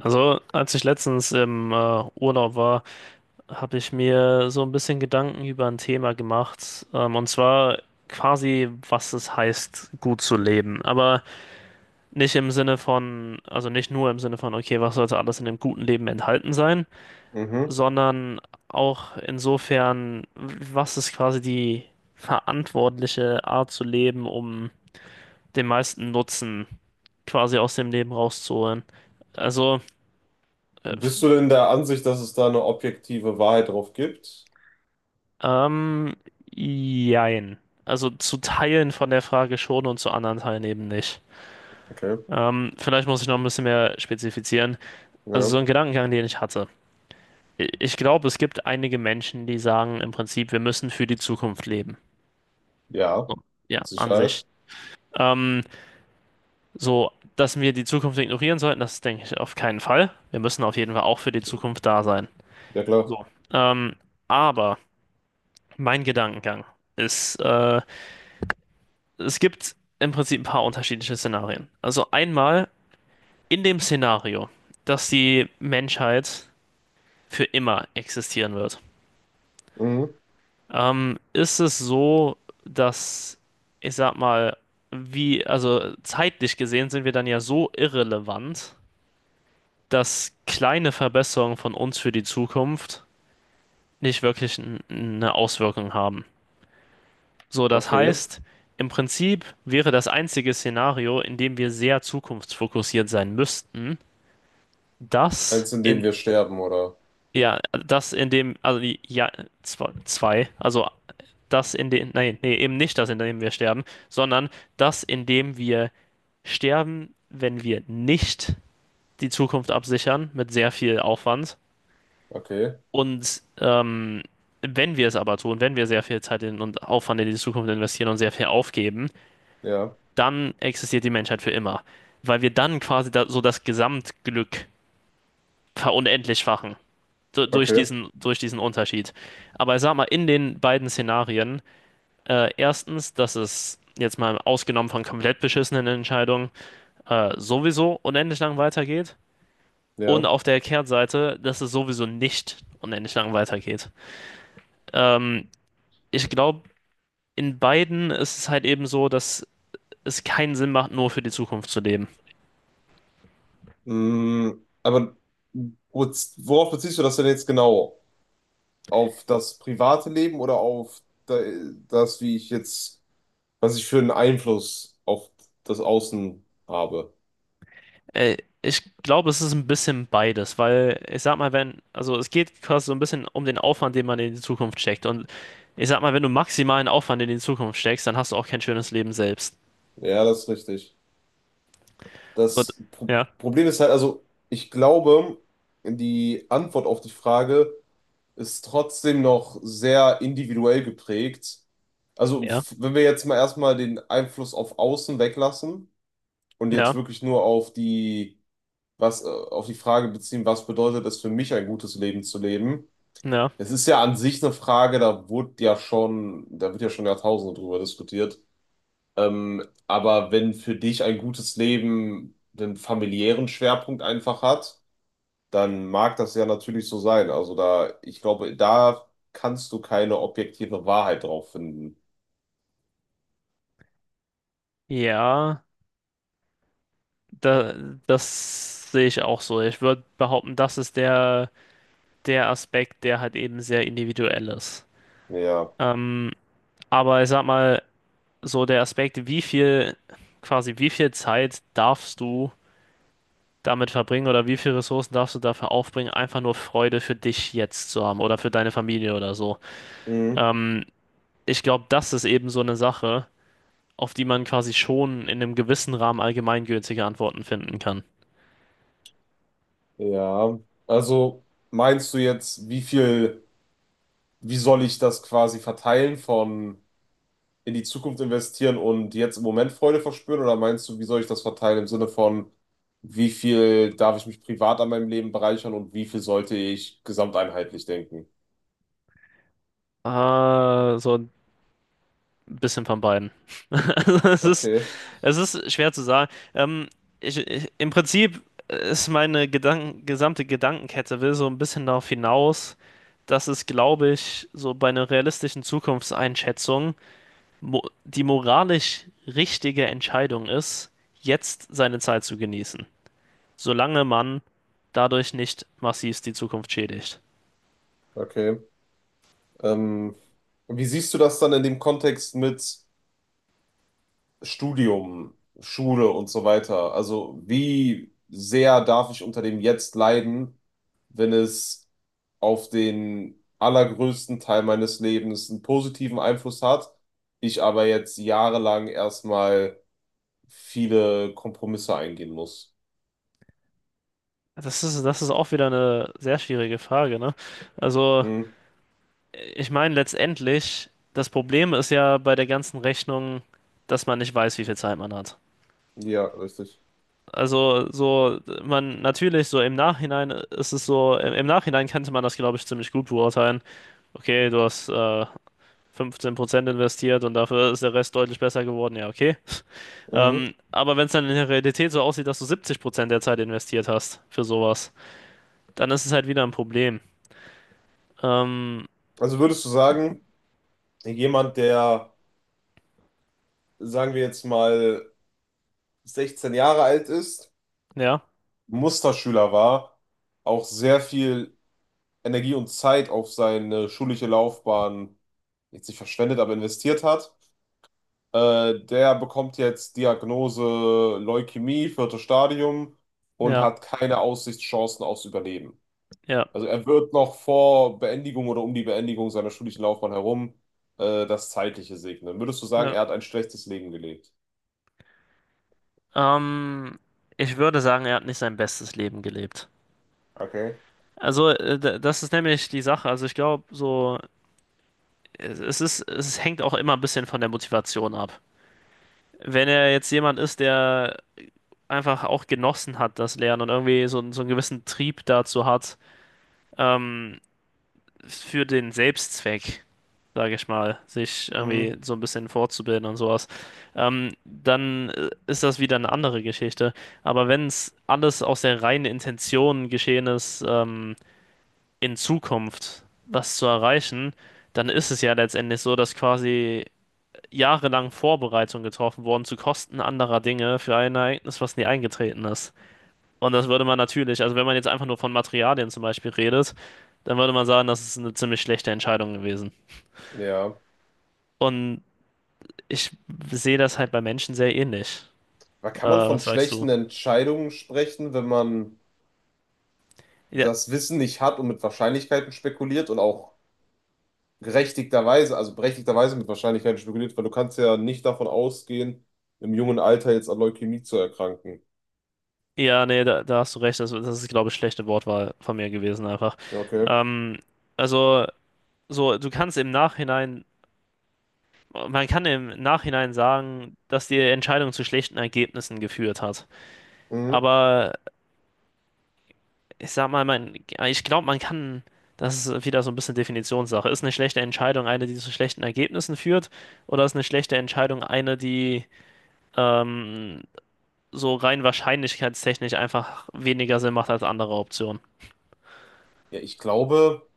Also, als ich letztens im Urlaub war, habe ich mir so ein bisschen Gedanken über ein Thema gemacht. Und zwar quasi, was es heißt, gut zu leben. Aber nicht im Sinne von, also nicht nur im Sinne von, okay, was sollte alles in dem guten Leben enthalten sein, Mhm. sondern auch insofern, was ist quasi die verantwortliche Art zu leben, um den meisten Nutzen quasi aus dem Leben rauszuholen. Also. äh, Bist du denn der Ansicht, dass es da eine objektive Wahrheit drauf gibt? Ähm, Jein. Also zu Teilen von der Frage schon und zu anderen Teilen eben nicht. Okay, Vielleicht muss ich noch ein bisschen mehr spezifizieren. Also ja. so ein Gedankengang, den ich hatte. Ich glaube, es gibt einige Menschen, die sagen im Prinzip, wir müssen für die Zukunft leben. So, Ja, ja, mit an Sicherheit. sich. Ähm, so, dass wir die Zukunft ignorieren sollten, das denke ich auf keinen Fall. Wir müssen auf jeden Fall auch für die Zukunft da sein. Ja, klar. So. Ähm, aber mein Gedankengang ist, es gibt im Prinzip ein paar unterschiedliche Szenarien. Also einmal in dem Szenario, dass die Menschheit für immer existieren wird, Mhm. Ist es so, dass, ich sag mal, wie, also zeitlich gesehen sind wir dann ja so irrelevant, dass kleine Verbesserungen von uns für die Zukunft nicht wirklich eine Auswirkung haben. So, das Okay. heißt, im Prinzip wäre das einzige Szenario, in dem wir sehr zukunftsfokussiert sein müssten, das Eins, in in, dem wir sterben, oder? ja, das in dem, ja, zwei, zwei, also das in dem, nein, nee, eben nicht das, in dem wir sterben, sondern das, in dem wir sterben, wenn wir nicht die Zukunft absichern, mit sehr viel Aufwand. Okay, Und wenn wir es aber tun, wenn wir sehr viel Zeit in und Aufwand in die Zukunft investieren und sehr viel aufgeben, ja, dann existiert die Menschheit für immer. Weil wir dann quasi da, so das Gesamtglück verunendlich fachen. Okay, Durch diesen Unterschied. Aber ich sag mal, in den beiden Szenarien, erstens, dass es jetzt mal ausgenommen von komplett beschissenen Entscheidungen sowieso unendlich lang weitergeht. Und ja. auf der Kehrtseite, dass es sowieso nicht unendlich lang weitergeht. Ähm, Ich glaube, in beiden ist es halt eben so, dass es keinen Sinn macht, nur für die Zukunft zu leben. Mhm. Aber worauf beziehst du das denn jetzt genau? Auf das private Leben oder auf das, was ich für einen Einfluss auf das Außen habe? Ich glaube, es ist ein bisschen beides, weil, ich sag mal, wenn, also es geht quasi so ein bisschen um den Aufwand, den man in die Zukunft steckt. Und ich sag mal, wenn du maximalen Aufwand in die Zukunft steckst, dann hast du auch kein schönes Leben selbst. Ja, das ist richtig. So, Das ja, Problem ist halt, also ich glaube, die Antwort auf die Frage ist trotzdem noch sehr individuell geprägt. Also ja, wenn wir jetzt mal erstmal den Einfluss auf Außen weglassen und ja, jetzt wirklich nur auf auf die Frage beziehen, was bedeutet es für mich, ein gutes Leben zu leben? ja, Es ist ja an sich eine Frage, da wird ja schon Jahrtausende drüber diskutiert. Aber wenn für dich ein gutes Leben den familiären Schwerpunkt einfach hat, dann mag das ja natürlich so sein. Also da, ich glaube, da kannst du keine objektive Wahrheit drauf finden. ja, da, das sehe ich auch so. Ich würde behaupten, das ist der, der Aspekt, der halt eben sehr individuell ist. Ja. Ähm, aber ich sag mal, so der Aspekt, wie viel, quasi wie viel Zeit darfst du damit verbringen oder wie viele Ressourcen darfst du dafür aufbringen, einfach nur Freude für dich jetzt zu haben oder für deine Familie oder so. Mhm. Ähm, Ich glaube, das ist eben so eine Sache, auf die man quasi schon in einem gewissen Rahmen allgemeingültige Antworten finden kann. Ja. Also meinst du jetzt, wie soll ich das quasi verteilen von in die Zukunft investieren und jetzt im Moment Freude verspüren? Oder meinst du, wie soll ich das verteilen im Sinne von, wie viel darf ich mich privat an meinem Leben bereichern und wie viel sollte ich gesamteinheitlich denken? So ein bisschen von beiden. Also Okay, es ist schwer zu sagen. Im Prinzip ist meine Gedanken, gesamte Gedankenkette will so ein bisschen darauf hinaus, dass es, glaube ich, so bei einer realistischen Zukunftseinschätzung mo die moralisch richtige Entscheidung ist, jetzt seine Zeit zu genießen, solange man dadurch nicht massiv die Zukunft schädigt. okay. Ähm, Wie siehst du das dann in dem Kontext mit Studium, Schule und so weiter? Also wie sehr darf ich unter dem jetzt leiden, wenn es auf den allergrößten Teil meines Lebens einen positiven Einfluss hat, ich aber jetzt jahrelang erstmal viele Kompromisse eingehen muss. Das ist auch wieder eine sehr schwierige Frage, ne? Also, Hm, ich meine, letztendlich, das Problem ist ja bei der ganzen Rechnung, dass man nicht weiß, wie viel Zeit man hat. ja, richtig. Also, so, man, natürlich, so im Nachhinein ist es so, im, im Nachhinein könnte man das, glaube ich, ziemlich gut beurteilen. Okay, du hast 15% investiert und dafür ist der Rest deutlich besser geworden, ja, okay. Mhm. Aber wenn es dann in der Realität so aussieht, dass du 70% der Zeit investiert hast für sowas, dann ist es halt wieder ein Problem. Ähm, Also würdest du sagen, jemand, der, sagen wir jetzt mal, 16 Jahre alt ist, ja, Musterschüler war, auch sehr viel Energie und Zeit auf seine schulische Laufbahn jetzt nicht verschwendet, aber investiert hat. Der bekommt jetzt Diagnose Leukämie, viertes Stadium, und ja, hat keine Aussichtschancen aufs Überleben. ja, Also er wird noch vor Beendigung oder um die Beendigung seiner schulischen Laufbahn herum das Zeitliche segnen. Würdest du sagen, ja. er hat ein schlechtes Leben gelebt? Ähm, Ich würde sagen, er hat nicht sein bestes Leben gelebt. Okay. Das ist nämlich die Sache. Also, ich glaube, so, es ist, es hängt auch immer ein bisschen von der Motivation ab. Wenn er jetzt jemand ist, der einfach auch genossen hat, das Lernen und irgendwie so, so einen gewissen Trieb dazu hat, ähm, für den Selbstzweck, sage ich mal, sich Mhm. irgendwie so ein bisschen fortzubilden und sowas, dann ist das wieder eine andere Geschichte. Aber wenn es alles aus der reinen Intention geschehen ist, in Zukunft was zu erreichen, dann ist es ja letztendlich so, dass quasi jahrelang Vorbereitungen getroffen wurden zu Kosten anderer Dinge für ein Ereignis, was nie eingetreten ist. Und das würde man natürlich, also wenn man jetzt einfach nur von Materialien zum Beispiel redet, dann würde man sagen, das ist eine ziemlich schlechte Entscheidung gewesen. Ja. Und ich sehe das halt bei Menschen sehr ähnlich. Aber kann man von Was sagst du? schlechten Entscheidungen sprechen, wenn man Ja, das Wissen nicht hat und mit Wahrscheinlichkeiten spekuliert und auch gerechtigterweise, also berechtigterweise mit Wahrscheinlichkeit spekuliert, weil du kannst ja nicht davon ausgehen, im jungen Alter jetzt an Leukämie zu erkranken? ja, nee, da, da hast du recht. Das, das ist, glaube ich, schlechte Wortwahl von mir gewesen einfach. Ja, okay. Ähm, also, so, du kannst im Nachhinein, man kann im Nachhinein sagen, dass die Entscheidung zu schlechten Ergebnissen geführt hat. Mhm. Aber ich sag mal, man, ich glaube, man kann, das ist wieder so ein bisschen Definitionssache. Ist eine schlechte Entscheidung eine, die zu schlechten Ergebnissen führt, oder ist eine schlechte Entscheidung eine, die ähm, so rein wahrscheinlichkeitstechnisch einfach weniger Sinn macht als andere Optionen? Ja, ich glaube,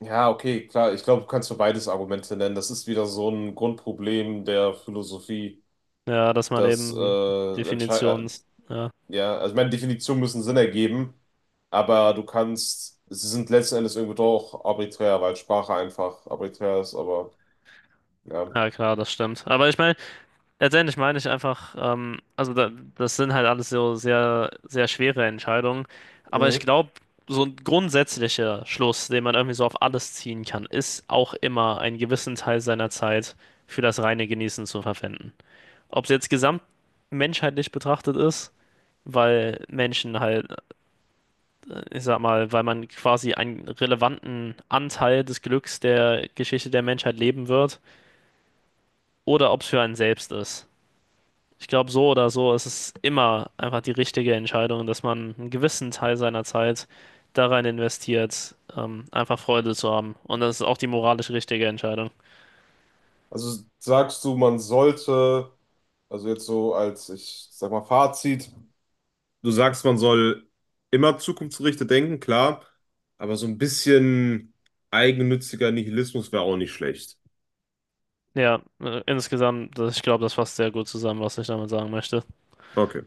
ja, okay, klar, ich glaube, du kannst für beides Argumente nennen. Das ist wieder so ein Grundproblem der Philosophie, Ja, dass man dass, eben Definitions. Ja, ja, also ich meine, Definitionen müssen Sinn ergeben, aber sie sind letzten Endes irgendwie doch arbiträr, weil Sprache einfach arbiträr ist, aber ja. ja klar, das stimmt. Aber ich meine, letztendlich meine ich einfach, also da, das sind halt alles so sehr, sehr schwere Entscheidungen. Aber ich Mhm. glaube, so ein grundsätzlicher Schluss, den man irgendwie so auf alles ziehen kann, ist auch immer einen gewissen Teil seiner Zeit für das reine Genießen zu verwenden. Ob es jetzt gesamtmenschheitlich betrachtet ist, weil Menschen halt, ich sag mal, weil man quasi einen relevanten Anteil des Glücks der Geschichte der Menschheit leben wird, oder ob es für einen selbst ist. Ich glaube, so oder so ist es immer einfach die richtige Entscheidung, dass man einen gewissen Teil seiner Zeit da rein investiert, einfach Freude zu haben. Und das ist auch die moralisch richtige Entscheidung. Also sagst du, man sollte. Also jetzt so als, ich sag mal, Fazit. Du sagst, man soll immer zukunftsgerichtet denken, klar, aber so ein bisschen eigennütziger Nihilismus wäre auch nicht schlecht. Ja, insgesamt, ich glaube, das fasst sehr gut zusammen, was ich damit sagen möchte. Okay.